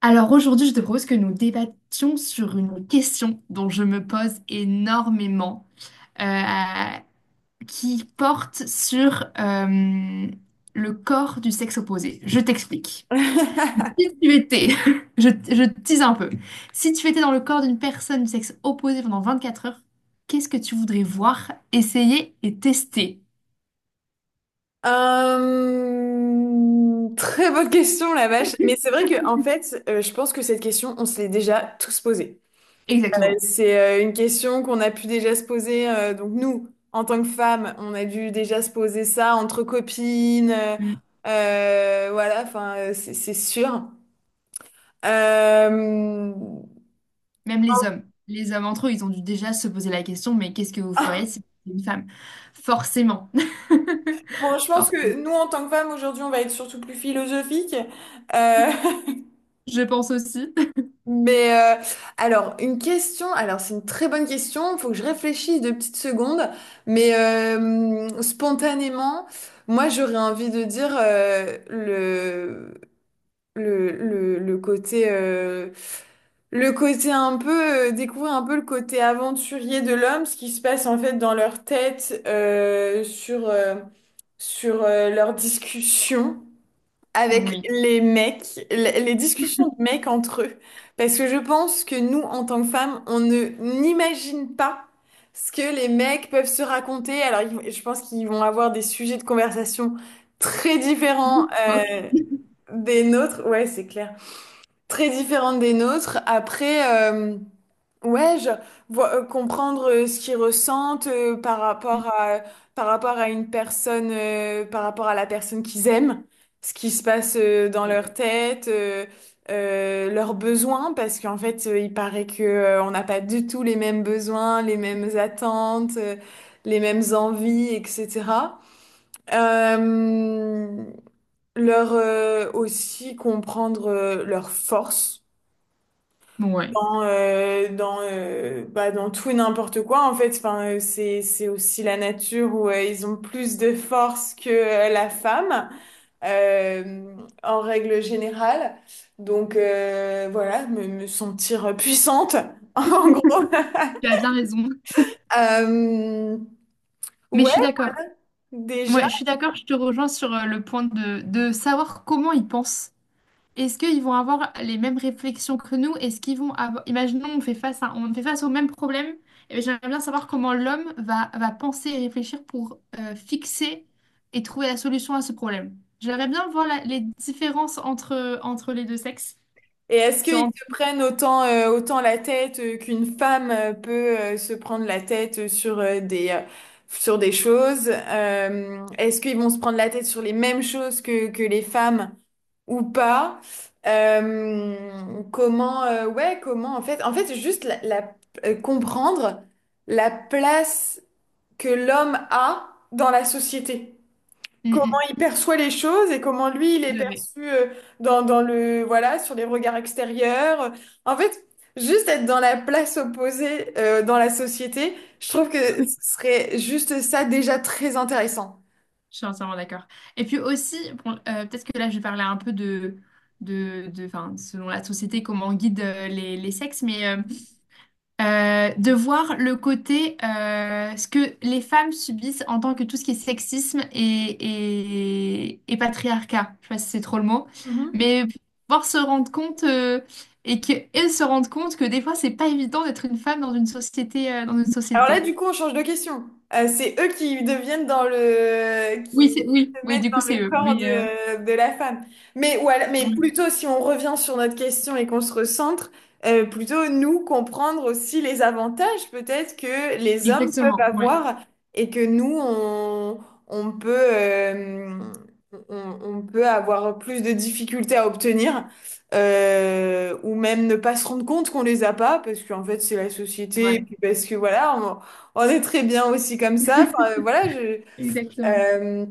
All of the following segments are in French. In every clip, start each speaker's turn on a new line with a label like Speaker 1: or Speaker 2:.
Speaker 1: Alors aujourd'hui, je te propose que nous débattions sur une question dont je me pose énormément, euh, qui porte sur le corps du sexe opposé. Je t'explique. Si tu étais, je tease un peu, si tu étais dans le corps d'une personne du sexe opposé pendant 24 heures, qu'est-ce que tu voudrais voir, essayer et tester?
Speaker 2: Très bonne question, la vache. Mais c'est vrai que en fait, je pense que cette question, on se l'est déjà tous posée.
Speaker 1: Exactement.
Speaker 2: C'est une question qu'on a pu déjà se poser. Donc nous, en tant que femmes, on a dû déjà se poser ça entre copines.
Speaker 1: Mm.
Speaker 2: Voilà, enfin, c'est sûr. Euh,
Speaker 1: Même les hommes. Les hommes entre eux, ils ont dû déjà se poser la question, mais qu'est-ce que vous feriez si vous étiez une femme? Forcément.
Speaker 2: Bon, je
Speaker 1: For-
Speaker 2: pense que nous, en tant que femmes, aujourd'hui, on va être surtout plus philosophique.
Speaker 1: Je pense aussi.
Speaker 2: Mais alors, une question, alors c'est une très bonne question, il faut que je réfléchisse deux petites secondes, mais spontanément, moi j'aurais envie de dire le, le, le côté euh, le côté un peu découvrir un peu le côté aventurier de l'homme, ce qui se passe en fait dans leur tête sur leurs discussions avec
Speaker 1: Oui.
Speaker 2: les mecs, les discussions de mecs entre eux. Parce que je pense que nous, en tant que femmes, on ne n'imagine pas ce que les mecs peuvent se raconter. Alors, je pense qu'ils vont avoir des sujets de conversation très différents
Speaker 1: Fuck.
Speaker 2: des nôtres. Ouais, c'est clair. Très différents des nôtres. Après, ouais, genre, comprendre ce qu'ils ressentent par rapport à une personne, par rapport à la personne qu'ils aiment, ce qui se passe dans leur tête, leurs besoins, parce qu'en fait, il paraît que, on n'a pas du tout les mêmes besoins, les mêmes attentes, les mêmes envies, etc. Euh, Leur, aussi comprendre, leurs forces
Speaker 1: Bon, ouais.
Speaker 2: dans bah, dans tout et n'importe quoi en fait. Enfin, c'est aussi la nature où ils ont plus de force que la femme euh, en règle générale. Donc voilà, me sentir puissante en gros.
Speaker 1: Tu as bien raison.
Speaker 2: Euh,
Speaker 1: Mais je
Speaker 2: ouais,
Speaker 1: suis d'accord. Ouais,
Speaker 2: déjà.
Speaker 1: je suis d'accord, je te rejoins sur le point de savoir comment ils pensent. Est-ce qu'ils vont avoir les mêmes réflexions que nous? Est-ce qu'ils vont avoir… Imaginons, on fait face à… on fait face au même problème. Eh j'aimerais bien savoir comment l'homme va, va penser et réfléchir pour fixer et trouver la solution à ce problème. J'aimerais bien voir les différences entre, entre les deux sexes.
Speaker 2: Et est-ce
Speaker 1: Se
Speaker 2: qu'ils
Speaker 1: rendre-
Speaker 2: se prennent autant, autant la tête qu'une femme peut se prendre la tête sur, sur des choses? Est-ce qu'ils vont se prendre la tête sur les mêmes choses que les femmes ou pas? Euh, Comment, ouais, comment en fait, juste comprendre la place que l'homme a dans la société,
Speaker 1: Mm,
Speaker 2: comment
Speaker 1: mm,
Speaker 2: il perçoit les choses et comment lui il est
Speaker 1: tout à fait.
Speaker 2: perçu dans le voilà sur les regards extérieurs. En fait, juste être dans la place opposée dans la société, je trouve que
Speaker 1: Oui,
Speaker 2: ce serait juste ça déjà très intéressant.
Speaker 1: je suis entièrement d'accord. Et puis aussi, bon, peut-être que là, je vais parler un peu de, de, enfin, selon la société, comment on guide les sexes, mais… euh, de voir le côté ce que les femmes subissent en tant que tout ce qui est sexisme et, et patriarcat. Je sais pas si c'est trop le mot,
Speaker 2: Mhm.
Speaker 1: mais pouvoir se rendre compte et qu'elles se rendent compte que des fois c'est pas évident d'être une femme dans une société.
Speaker 2: Alors là, du coup, on change de question. C'est eux qui deviennent dans le, qui
Speaker 1: Oui, c'est oui,
Speaker 2: se
Speaker 1: oui,
Speaker 2: mettent
Speaker 1: du coup
Speaker 2: dans
Speaker 1: c'est
Speaker 2: le
Speaker 1: eux.
Speaker 2: corps
Speaker 1: Mais
Speaker 2: de la femme. Mais, mais
Speaker 1: oui,
Speaker 2: plutôt, si on revient sur notre question et qu'on se recentre, plutôt nous comprendre aussi les avantages peut-être que les hommes peuvent
Speaker 1: exactement, ouais,
Speaker 2: avoir et que nous, on peut, euh, on peut avoir plus de difficultés à obtenir ou même ne pas se rendre compte qu'on les a pas parce qu'en fait c'est la
Speaker 1: c'est
Speaker 2: société
Speaker 1: vrai.
Speaker 2: et puis parce que voilà on est très bien aussi comme ça, enfin voilà je
Speaker 1: Exactement.
Speaker 2: euh,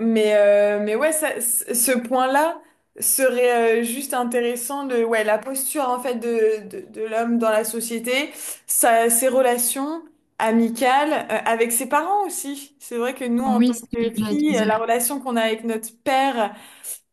Speaker 2: mais ouais ça, ce point-là serait juste intéressant de ouais la posture en fait de l'homme dans la société, ses relations amicales avec ses parents. Aussi c'est vrai que nous en tant
Speaker 1: Oui, c'est
Speaker 2: que
Speaker 1: ce que j'allais
Speaker 2: filles,
Speaker 1: te
Speaker 2: la
Speaker 1: dire.
Speaker 2: relation qu'on a avec notre père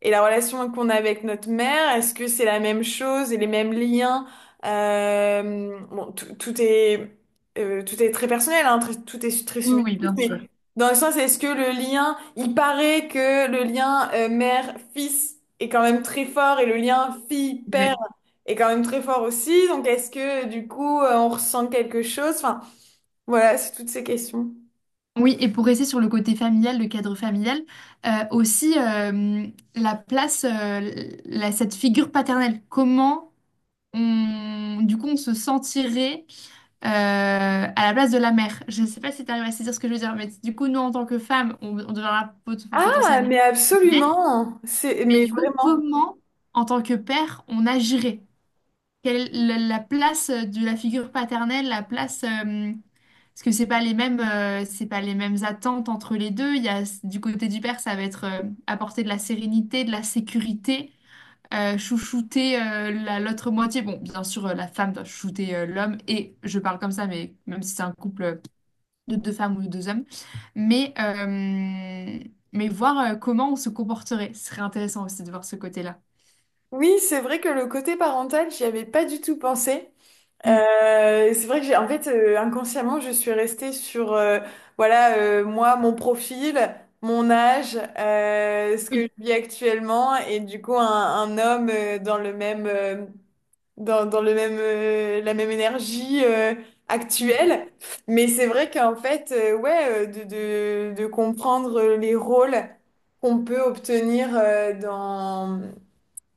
Speaker 2: et la relation qu'on a avec notre mère, est-ce que c'est la même chose et les mêmes liens? Bon, tout est très personnel, hein, tout est très
Speaker 1: Oui, oui,
Speaker 2: subjectif,
Speaker 1: bien sûr.
Speaker 2: mais dans le sens, est-ce que le lien, il paraît que le lien mère-fils est quand même très fort et le lien fille-père est quand même très fort aussi, donc est-ce que du coup on ressent quelque chose? Enfin, voilà, c'est toutes ces questions.
Speaker 1: Oui, et pour rester sur le côté familial, le cadre familial, aussi la place, cette figure paternelle, comment on, du coup on se sentirait euh, à la place de la mère. Je ne sais pas si tu arrives à saisir ce que je veux dire, mais du coup nous en tant que femme, on deviendra
Speaker 2: Ah,
Speaker 1: potentiellement
Speaker 2: mais
Speaker 1: mère,
Speaker 2: absolument, c'est,
Speaker 1: mais
Speaker 2: mais
Speaker 1: du coup
Speaker 2: vraiment.
Speaker 1: comment en tant que père on agirait? Quelle est la la place de la figure paternelle, la place, parce que c'est pas les mêmes, c'est pas les mêmes attentes entre les deux. Il y a du côté du père, ça va être apporter de la sérénité, de la sécurité, chouchouter l'autre moitié. Bon, bien sûr, la femme doit chouchouter l'homme et je parle comme ça, mais même si c'est un couple de deux femmes ou de deux hommes, mais euh, mais voir comment on se comporterait, ce serait intéressant aussi de voir ce côté-là.
Speaker 2: Oui, c'est vrai que le côté parental, j'y avais pas du tout pensé.
Speaker 1: Mm.
Speaker 2: C'est vrai que j'ai, en fait, inconsciemment, je suis restée sur, voilà, moi, mon profil, mon âge, ce que je
Speaker 1: Oui.
Speaker 2: vis actuellement, et du coup, un homme dans le même, la même énergie actuelle. Mais c'est vrai qu'en fait, ouais, de comprendre les rôles qu'on peut obtenir euh,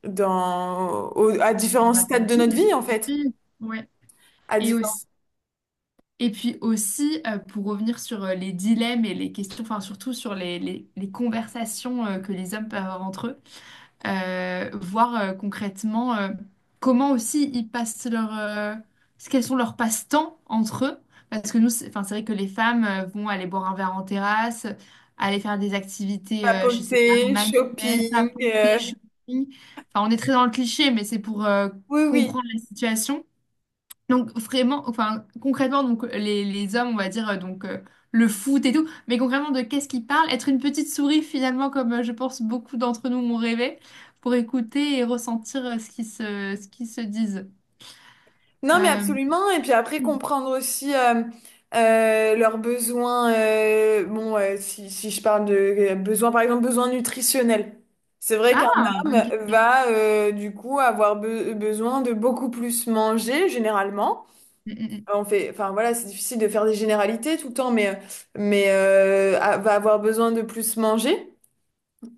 Speaker 2: dans, au- à différents
Speaker 1: Dans la
Speaker 2: stades de notre
Speaker 1: famille.
Speaker 2: vie, en fait.
Speaker 1: Oui. Ouais.
Speaker 2: À
Speaker 1: Et
Speaker 2: différents
Speaker 1: aussi, et puis aussi, pour revenir sur les dilemmes et les questions, enfin surtout sur les, les conversations que les hommes peuvent avoir entre eux, voir concrètement comment aussi ils passent leur, quels sont leurs passe-temps entre eux. Parce que nous, c'est, enfin, c'est vrai que les femmes vont aller boire un verre en terrasse, aller faire des activités, je sais pas,
Speaker 2: papoter,
Speaker 1: manuelles,
Speaker 2: shopping.
Speaker 1: papoter, shopping. Enfin, on est très dans le cliché, mais c'est pour
Speaker 2: Oui, oui.
Speaker 1: comprendre la situation. Donc vraiment, enfin concrètement, donc les hommes, on va dire le foot et tout, mais concrètement de qu'est-ce qu'ils parlent? Être une petite souris finalement, comme je pense beaucoup d'entre nous m'ont rêvé, pour écouter et ressentir ce qui se, ce qu'ils se disent.
Speaker 2: Non, mais
Speaker 1: Euh,
Speaker 2: absolument. Et puis après, comprendre aussi leurs besoins. Si, si je parle de besoins, par exemple, besoins nutritionnels. C'est vrai qu'un
Speaker 1: Ah,
Speaker 2: homme
Speaker 1: bonne question.
Speaker 2: va du coup avoir besoin de beaucoup plus manger généralement.
Speaker 1: Mm,
Speaker 2: On fait, enfin voilà, c'est difficile de faire des généralités tout le temps, mais va avoir besoin de plus manger.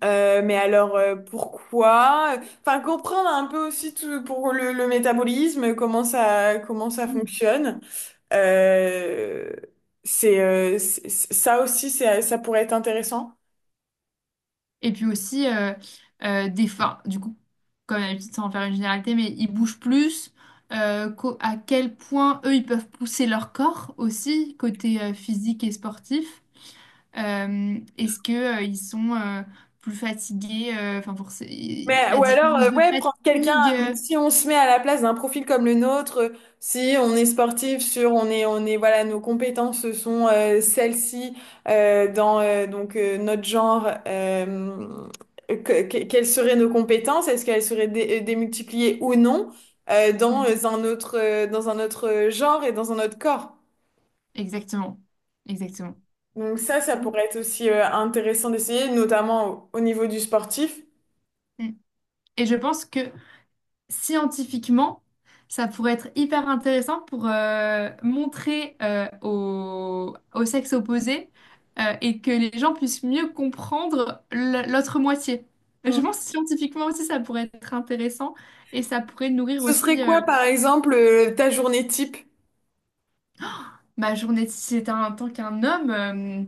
Speaker 2: Mais alors pourquoi? Enfin comprendre un peu aussi tout pour le métabolisme, comment ça
Speaker 1: mm, mm.
Speaker 2: fonctionne. Euh, c'est ça aussi ça pourrait être intéressant.
Speaker 1: Et puis aussi des fins, du coup, comme d'habitude, sans en faire une généralité, mais ils bougent plus. À quel point eux ils peuvent pousser leur corps aussi, côté physique et sportif. Est-ce que, ils sont plus fatigués, enfin pour
Speaker 2: Mais,
Speaker 1: la
Speaker 2: ou alors,
Speaker 1: différence de
Speaker 2: ouais, prendre quelqu'un.
Speaker 1: fatigue.
Speaker 2: Donc, si on se met à la place d'un profil comme le nôtre, si on est sportif, on est, voilà, nos compétences sont celles-ci dans donc notre genre. Quelles seraient nos compétences? Est-ce qu'elles seraient démultipliées ou non
Speaker 1: Mm,
Speaker 2: dans un autre genre et dans un autre corps?
Speaker 1: exactement, exactement.
Speaker 2: Donc ça
Speaker 1: Mm,
Speaker 2: pourrait être aussi intéressant d'essayer, notamment au niveau du sportif.
Speaker 1: mm. Et je pense que scientifiquement, ça pourrait être hyper intéressant pour montrer au, au sexe opposé et que les gens puissent mieux comprendre l'autre moitié.
Speaker 2: Hmm.
Speaker 1: Je pense que scientifiquement aussi, ça pourrait être intéressant et ça pourrait nourrir
Speaker 2: Ce serait
Speaker 1: aussi
Speaker 2: quoi, par exemple, ta journée type?
Speaker 1: Ma journée, si c'était en tant qu'un homme,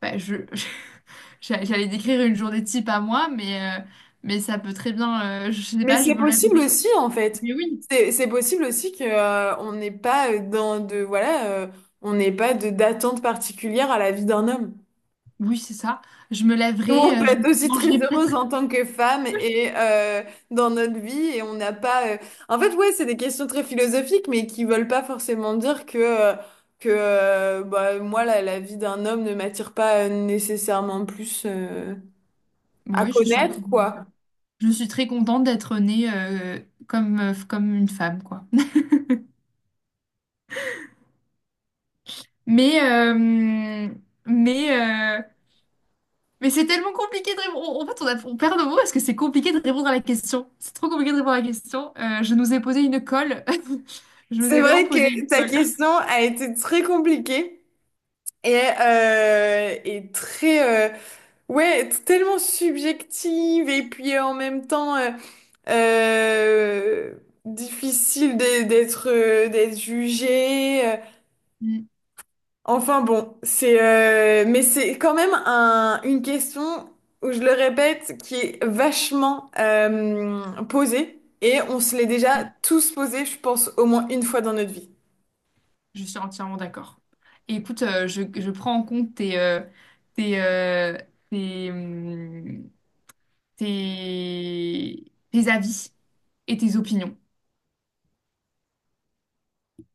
Speaker 1: bah, je, j'allais décrire une journée type à moi, mais ça peut très bien, je sais
Speaker 2: Mais
Speaker 1: pas, je
Speaker 2: c'est
Speaker 1: me
Speaker 2: possible
Speaker 1: lèverai.
Speaker 2: aussi, en fait.
Speaker 1: Mais oui,
Speaker 2: C'est possible aussi que on n'est pas on n'est pas de d'attente particulière à la vie d'un homme.
Speaker 1: oui, c'est ça. Je me
Speaker 2: Nous, on
Speaker 1: lèverai,
Speaker 2: peut
Speaker 1: je
Speaker 2: être aussi très
Speaker 1: mangerai
Speaker 2: heureuse
Speaker 1: peut-être.
Speaker 2: en tant que femme et dans notre vie et on n'a pas. En fait, ouais, c'est des questions très philosophiques, mais qui veulent pas forcément dire que bah, moi la vie d'un homme ne m'attire pas nécessairement plus
Speaker 1: Oui,
Speaker 2: à
Speaker 1: ouais, je suis
Speaker 2: connaître,
Speaker 1: entièrement
Speaker 2: quoi.
Speaker 1: d'accord. Je suis très contente d'être née comme, comme une femme, quoi. Mais, mais, euh, mais c'est tellement compliqué de répondre. En fait, on, on perd nos mots parce que c'est compliqué de répondre à la question. C'est trop compliqué de répondre à la question. Je nous ai posé une colle. Je vous
Speaker 2: C'est
Speaker 1: ai vraiment
Speaker 2: vrai
Speaker 1: posé une
Speaker 2: que ta
Speaker 1: colle.
Speaker 2: question a été très compliquée. Et très ouais tellement subjective et puis en même temps euh, difficile d'être d'être jugé
Speaker 1: Mm,
Speaker 2: Enfin bon c'est mais c'est quand même un une question où je le répète qui est vachement posée et on se l'est déjà
Speaker 1: mm.
Speaker 2: tous posée, je pense, au moins une fois dans notre vie.
Speaker 1: Je suis entièrement d'accord. Et écoute, je prends en compte tes, tes, euh, tes, hum, tes, tes avis et tes opinions.